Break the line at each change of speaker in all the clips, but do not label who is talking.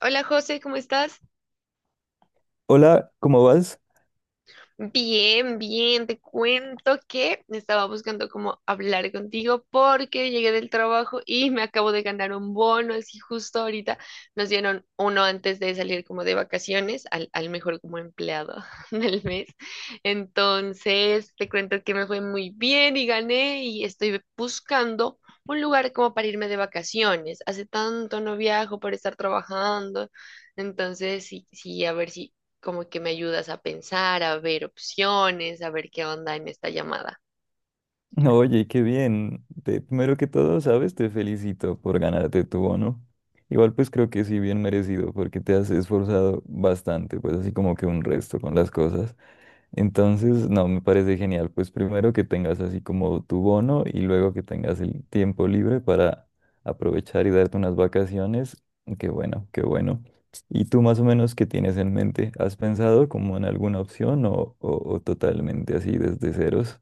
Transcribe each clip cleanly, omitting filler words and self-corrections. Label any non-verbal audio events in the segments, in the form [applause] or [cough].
Hola José, ¿cómo estás?
Hola, ¿cómo vas?
Bien, bien, te cuento que estaba buscando cómo hablar contigo porque llegué del trabajo y me acabo de ganar un bono, así justo ahorita nos dieron uno antes de salir como de vacaciones al mejor como empleado [laughs] del mes. Entonces, te cuento que me fue muy bien y gané y estoy buscando un lugar como para irme de vacaciones. Hace tanto no viajo por estar trabajando. Entonces, sí, sí, a ver si como que me ayudas a pensar, a ver opciones, a ver qué onda en esta llamada.
No, oye, qué bien. Primero que todo, ¿sabes? Te felicito por ganarte tu bono. Igual pues creo que sí, bien merecido, porque te has esforzado bastante, pues así como que un resto con las cosas. Entonces, no, me parece genial. Pues primero que tengas así como tu bono y luego que tengas el tiempo libre para aprovechar y darte unas vacaciones. Qué bueno, qué bueno. ¿Y tú más o menos qué tienes en mente? ¿Has pensado como en alguna opción o totalmente así desde ceros?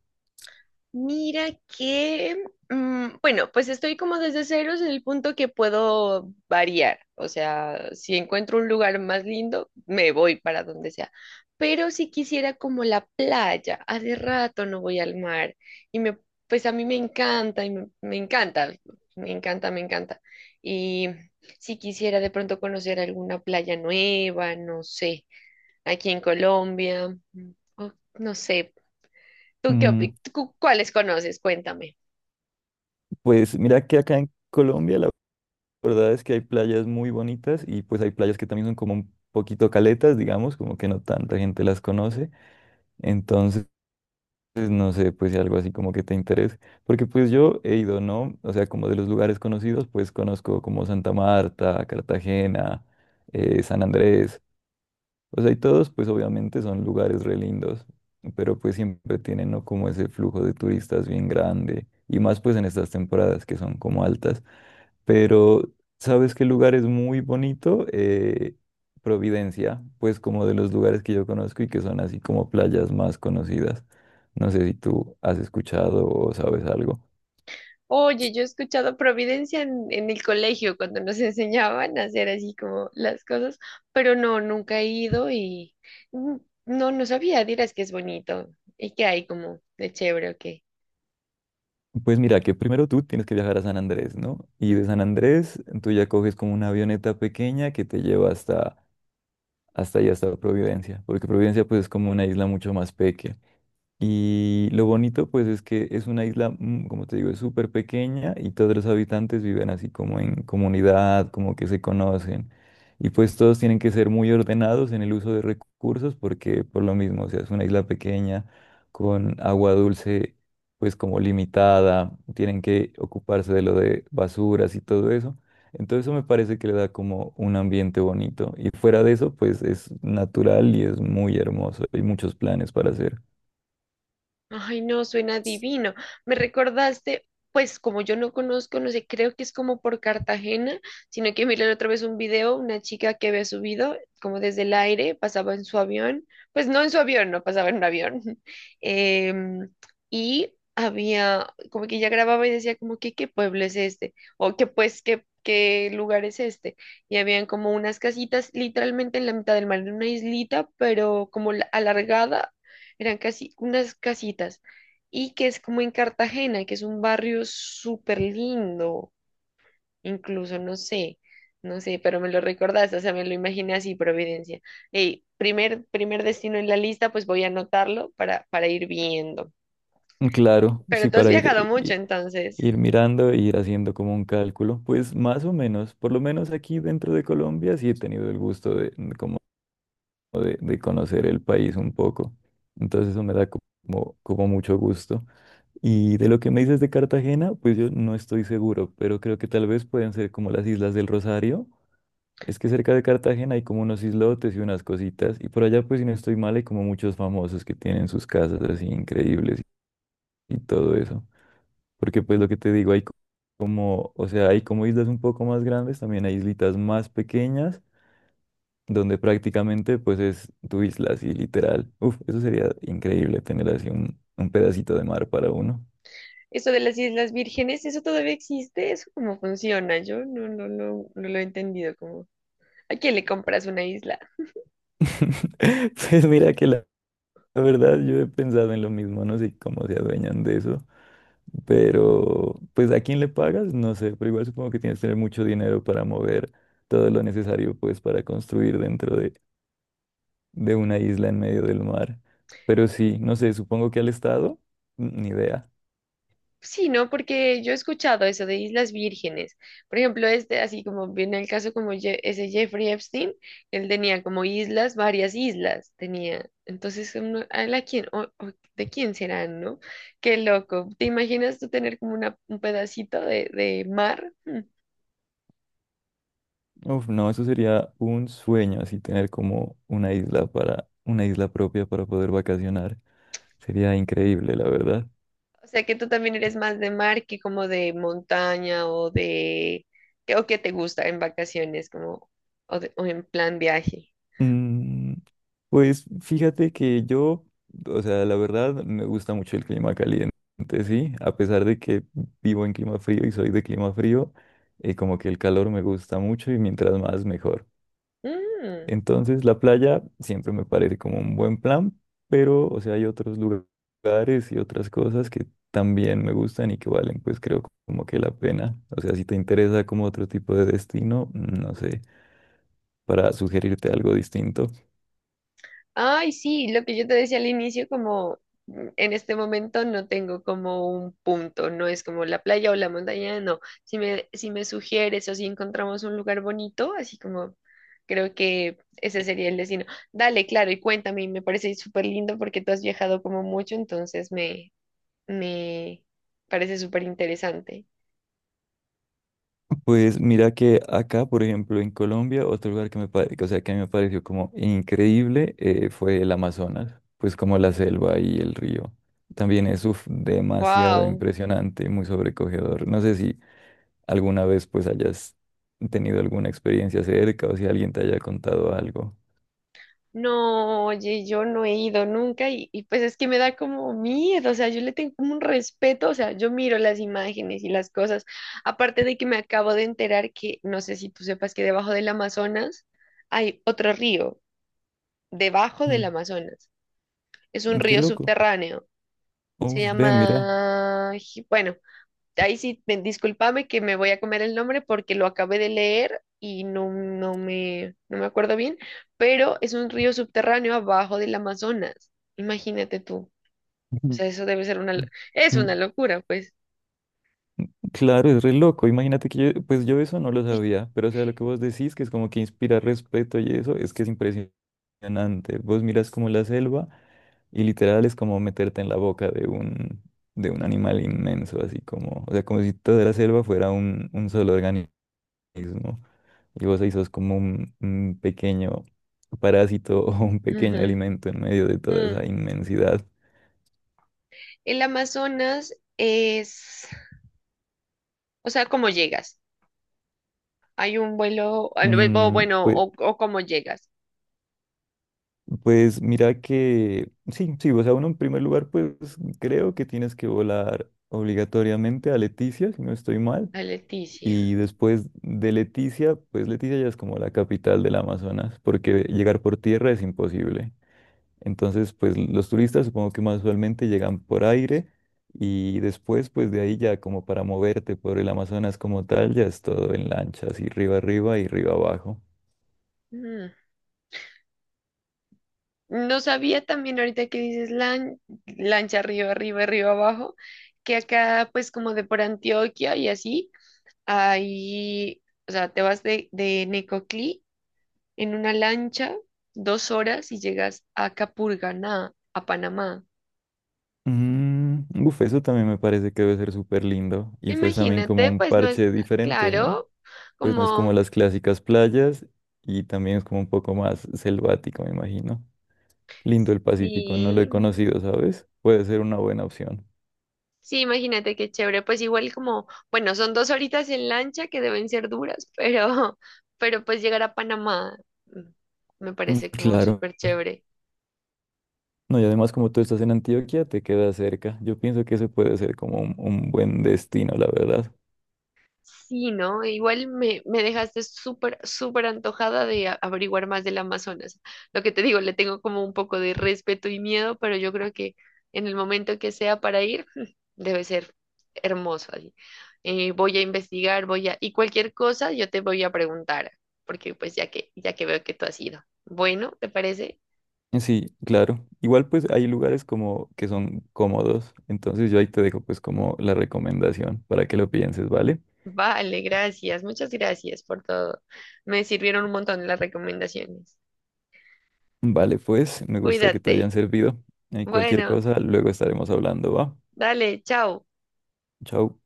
Mira que, bueno, pues estoy como desde ceros en el punto que puedo variar. O sea, si encuentro un lugar más lindo, me voy para donde sea. Pero si quisiera como la playa, hace rato no voy al mar y me, pues a mí me encanta y me encanta. Y si quisiera de pronto conocer alguna playa nueva, no sé. Aquí en Colombia. Mm, o No sé,
Mm,
¿tú cuáles conoces? Cuéntame.
Pues mira que acá en Colombia la verdad es que hay playas muy bonitas y pues hay playas que también son como un poquito caletas, digamos, como que no tanta gente las conoce. Entonces, pues, no sé, pues si algo así como que te interese. Porque pues yo he ido, ¿no? O sea, como de los lugares conocidos, pues conozco como Santa Marta, Cartagena, San Andrés. O sea, y todos, pues obviamente son lugares re lindos, pero pues siempre tienen, ¿no? Como ese flujo de turistas bien grande, y más pues en estas temporadas que son como altas. Pero, ¿sabes qué lugar es muy bonito? Providencia, pues como de los lugares que yo conozco y que son así como playas más conocidas. No sé si tú has escuchado o sabes algo.
Oye, yo he escuchado Providencia en el colegio cuando nos [laughs] enseñaban a hacer así como las cosas, pero no, nunca he ido y mm, no, no sabía, dirás que es bonito y que hay como de chévere o qué.
Pues mira, que primero tú tienes que viajar a San Andrés, ¿no? Y de San Andrés tú ya coges como una avioneta pequeña que te lleva hasta allá hasta Providencia, porque Providencia pues es como una isla mucho más pequeña. Y lo bonito, pues, es que es una isla, como te digo, es súper pequeña y todos los habitantes viven así como en comunidad, como que se conocen. Y pues todos tienen que ser muy ordenados en el uso de recursos porque por lo mismo, o sea, es una isla pequeña con agua dulce, pues como limitada, tienen que ocuparse de lo de basuras y todo eso. Entonces eso me parece que le da como un ambiente bonito. Y fuera de eso, pues es natural y es muy hermoso. Hay muchos planes para hacer.
Ay, no, suena divino. Me recordaste, pues como yo no conozco, no sé, creo que es como por Cartagena, sino que miré la otra vez un video, una chica que había subido como desde el aire, pasaba en su avión, pues no en su avión, no pasaba en un avión. [laughs] Em, y había, como que ella grababa y decía como que qué pueblo es este, o que qué lugar es este. Y habían como unas casitas literalmente en la mitad del mar, en una islita, pero como alargada, eran casi unas casitas, y que es como en Cartagena, que es un barrio súper lindo, incluso no sé, pero me lo recordaste, o sea, me lo imaginé así, Providencia. Ey, primer destino en la lista, pues voy a anotarlo para ir viendo.
Claro,
Pero
sí,
tú has
para
viajado mucho, entonces.
ir mirando e ir haciendo como un cálculo, pues más o menos, por lo menos aquí dentro de Colombia sí he tenido el gusto de, como de conocer el país un poco, entonces eso me da como mucho gusto. Y de lo que me dices de Cartagena, pues yo no estoy seguro, pero creo que tal vez pueden ser como las Islas del Rosario. Es que cerca de Cartagena hay como unos islotes y unas cositas, y por allá pues si no estoy mal hay como muchos famosos que tienen sus casas así increíbles y todo eso. Porque pues lo que te digo, como, o sea, hay como islas un poco más grandes, también hay islitas más pequeñas, donde prácticamente pues es tu isla, así literal. Uf, eso sería increíble tener así un pedacito de mar para uno.
Eso de las Islas Vírgenes, ¿eso todavía existe? ¿Eso cómo funciona? Yo no lo he entendido, cómo, ¿a quién le compras una isla?
[laughs] Pues mira que la verdad yo he pensado en lo mismo, no sé cómo se adueñan de eso, pero pues a quién le pagas, no sé, pero igual supongo que tienes que tener mucho dinero para mover todo lo necesario pues para construir dentro de una isla en medio del mar. Pero sí, no sé, supongo que al estado, ni idea.
Sí, ¿no? Porque yo he escuchado eso de Islas Vírgenes. Por ejemplo, este, así como viene el caso como ese Jeffrey Epstein, él tenía como islas, varias islas tenía. Entonces, ¿a la quién, o de quién serán, no? Qué loco. ¿Te imaginas tú tener como una, un pedacito de mar? Hmm.
Uf, no, eso sería un sueño, así tener como una isla para, una isla propia para poder vacacionar. Sería increíble, la verdad.
O sea, que tú también eres más de mar que como de montaña o de... o que te gusta en vacaciones, como, o en plan viaje.
Mm, pues fíjate que yo, o sea, la verdad me gusta mucho el clima caliente, sí, a pesar de que vivo en clima frío y soy de clima frío, como que el calor me gusta mucho y mientras más mejor.
Mm.
Entonces, la playa siempre me parece como un buen plan, pero, o sea, hay otros lugares y otras cosas que también me gustan y que valen, pues creo como que la pena. O sea, si te interesa como otro tipo de destino, no sé, para sugerirte algo distinto. [laughs]
Ay, sí, lo que yo te decía al inicio, como en este momento no tengo como un punto, no es como la playa o la montaña, no. Si me sugieres o si encontramos un lugar bonito, así como, creo que ese sería el destino. Dale, claro, y cuéntame, y me parece súper lindo porque tú has viajado como mucho, entonces me parece súper interesante.
Pues mira que acá, por ejemplo, en Colombia, otro lugar que o sea, que a mí me pareció como increíble fue el Amazonas, pues como la selva y el río. También es uf, demasiado
Wow.
impresionante y muy sobrecogedor. No sé si alguna vez pues hayas tenido alguna experiencia cerca o si alguien te haya contado algo.
No, oye, yo no he ido nunca y pues es que me da como miedo, o sea, yo le tengo como un respeto, o sea, yo miro las imágenes y las cosas, aparte de que me acabo de enterar que, no sé si tú sepas que debajo del Amazonas hay otro río, debajo del
Mm,
Amazonas, es un
mm, qué
río
loco.
subterráneo, se
Uy, ve, mira.
llama, bueno, ahí sí, discúlpame que me voy a comer el nombre porque lo acabé de leer y no me acuerdo bien, pero es un río subterráneo abajo del Amazonas. Imagínate tú. O
Ujú.
sea, eso debe ser es una
Mm,
locura, pues.
claro, es re loco. Imagínate que yo, pues yo eso no lo sabía, pero o sea, lo que vos decís, que es como que inspira respeto y eso, es que es impresionante. Vos miras como la selva y literal es como meterte en la boca de un animal inmenso, así como, o sea, como si toda la selva fuera un solo organismo. Y vos ahí sos como un pequeño parásito [laughs] o un pequeño
Ujú.
alimento en medio de toda
Mm.
esa inmensidad.
El Amazonas es, o sea, ¿cómo llegas? Hay un vuelo, o
Mm,
bueno,
pues,
o cómo llegas
pues mira que, sí, sí, o sea, uno en primer lugar, pues creo que tienes que volar obligatoriamente a Leticia, si no estoy mal.
a Leticia.
Y después de Leticia, pues Leticia ya es como la capital del Amazonas, porque llegar por tierra es imposible. Entonces, pues los turistas supongo que más usualmente llegan por aire y después, pues de ahí ya como para moverte por el Amazonas como tal, ya es todo en lancha, así arriba y arriba abajo.
Mm. No sabía también ahorita que dices lancha arriba, arriba, arriba, abajo, que acá pues como de por Antioquia y así, ahí, o sea, te vas de Necoclí en una lancha 2 horas y llegas a Capurganá, a Panamá.
Uf, eso también me parece que debe ser súper lindo y pues también como
Imagínate,
un
pues no es
parche diferente, ¿no?
claro,
Pues no es como
como,
las clásicas playas y también es como un poco más selvático, me imagino. Lindo el Pacífico, no lo he
sí,
conocido, ¿sabes? Puede ser una buena opción.
sí, imagínate qué chévere. Pues igual como, bueno, son dos horitas en lancha que deben ser duras, [laughs] pero pues llegar a Panamá, mm, me
Mm,
parece como
claro.
súper chévere.
No, y además como tú estás en Antioquia, te queda cerca. Yo pienso que eso puede ser como un buen destino, la verdad.
Sí, ¿no? Me dejaste súper, súper antojada de averiguar más del Amazonas. Lo que te digo, le tengo como un poco de respeto y miedo, pero yo creo que en el momento que sea para ir, [laughs] debe ser hermoso allí. Voy a investigar, voy a... Y cualquier cosa yo te voy a preguntar, porque pues ya que veo que tú has ido. Bueno, ¿te parece?
Sí, claro. Igual pues hay lugares como que son cómodos. Entonces yo ahí te dejo pues como la recomendación para que lo pienses, ¿vale?
Vale, gracias. Muchas gracias por todo. Me sirvieron un montón las recomendaciones.
Vale, pues me gusta que te
Cuídate.
hayan servido. Y cualquier
Bueno,
cosa, luego estaremos hablando, ¿va?
dale, chao.
Chao.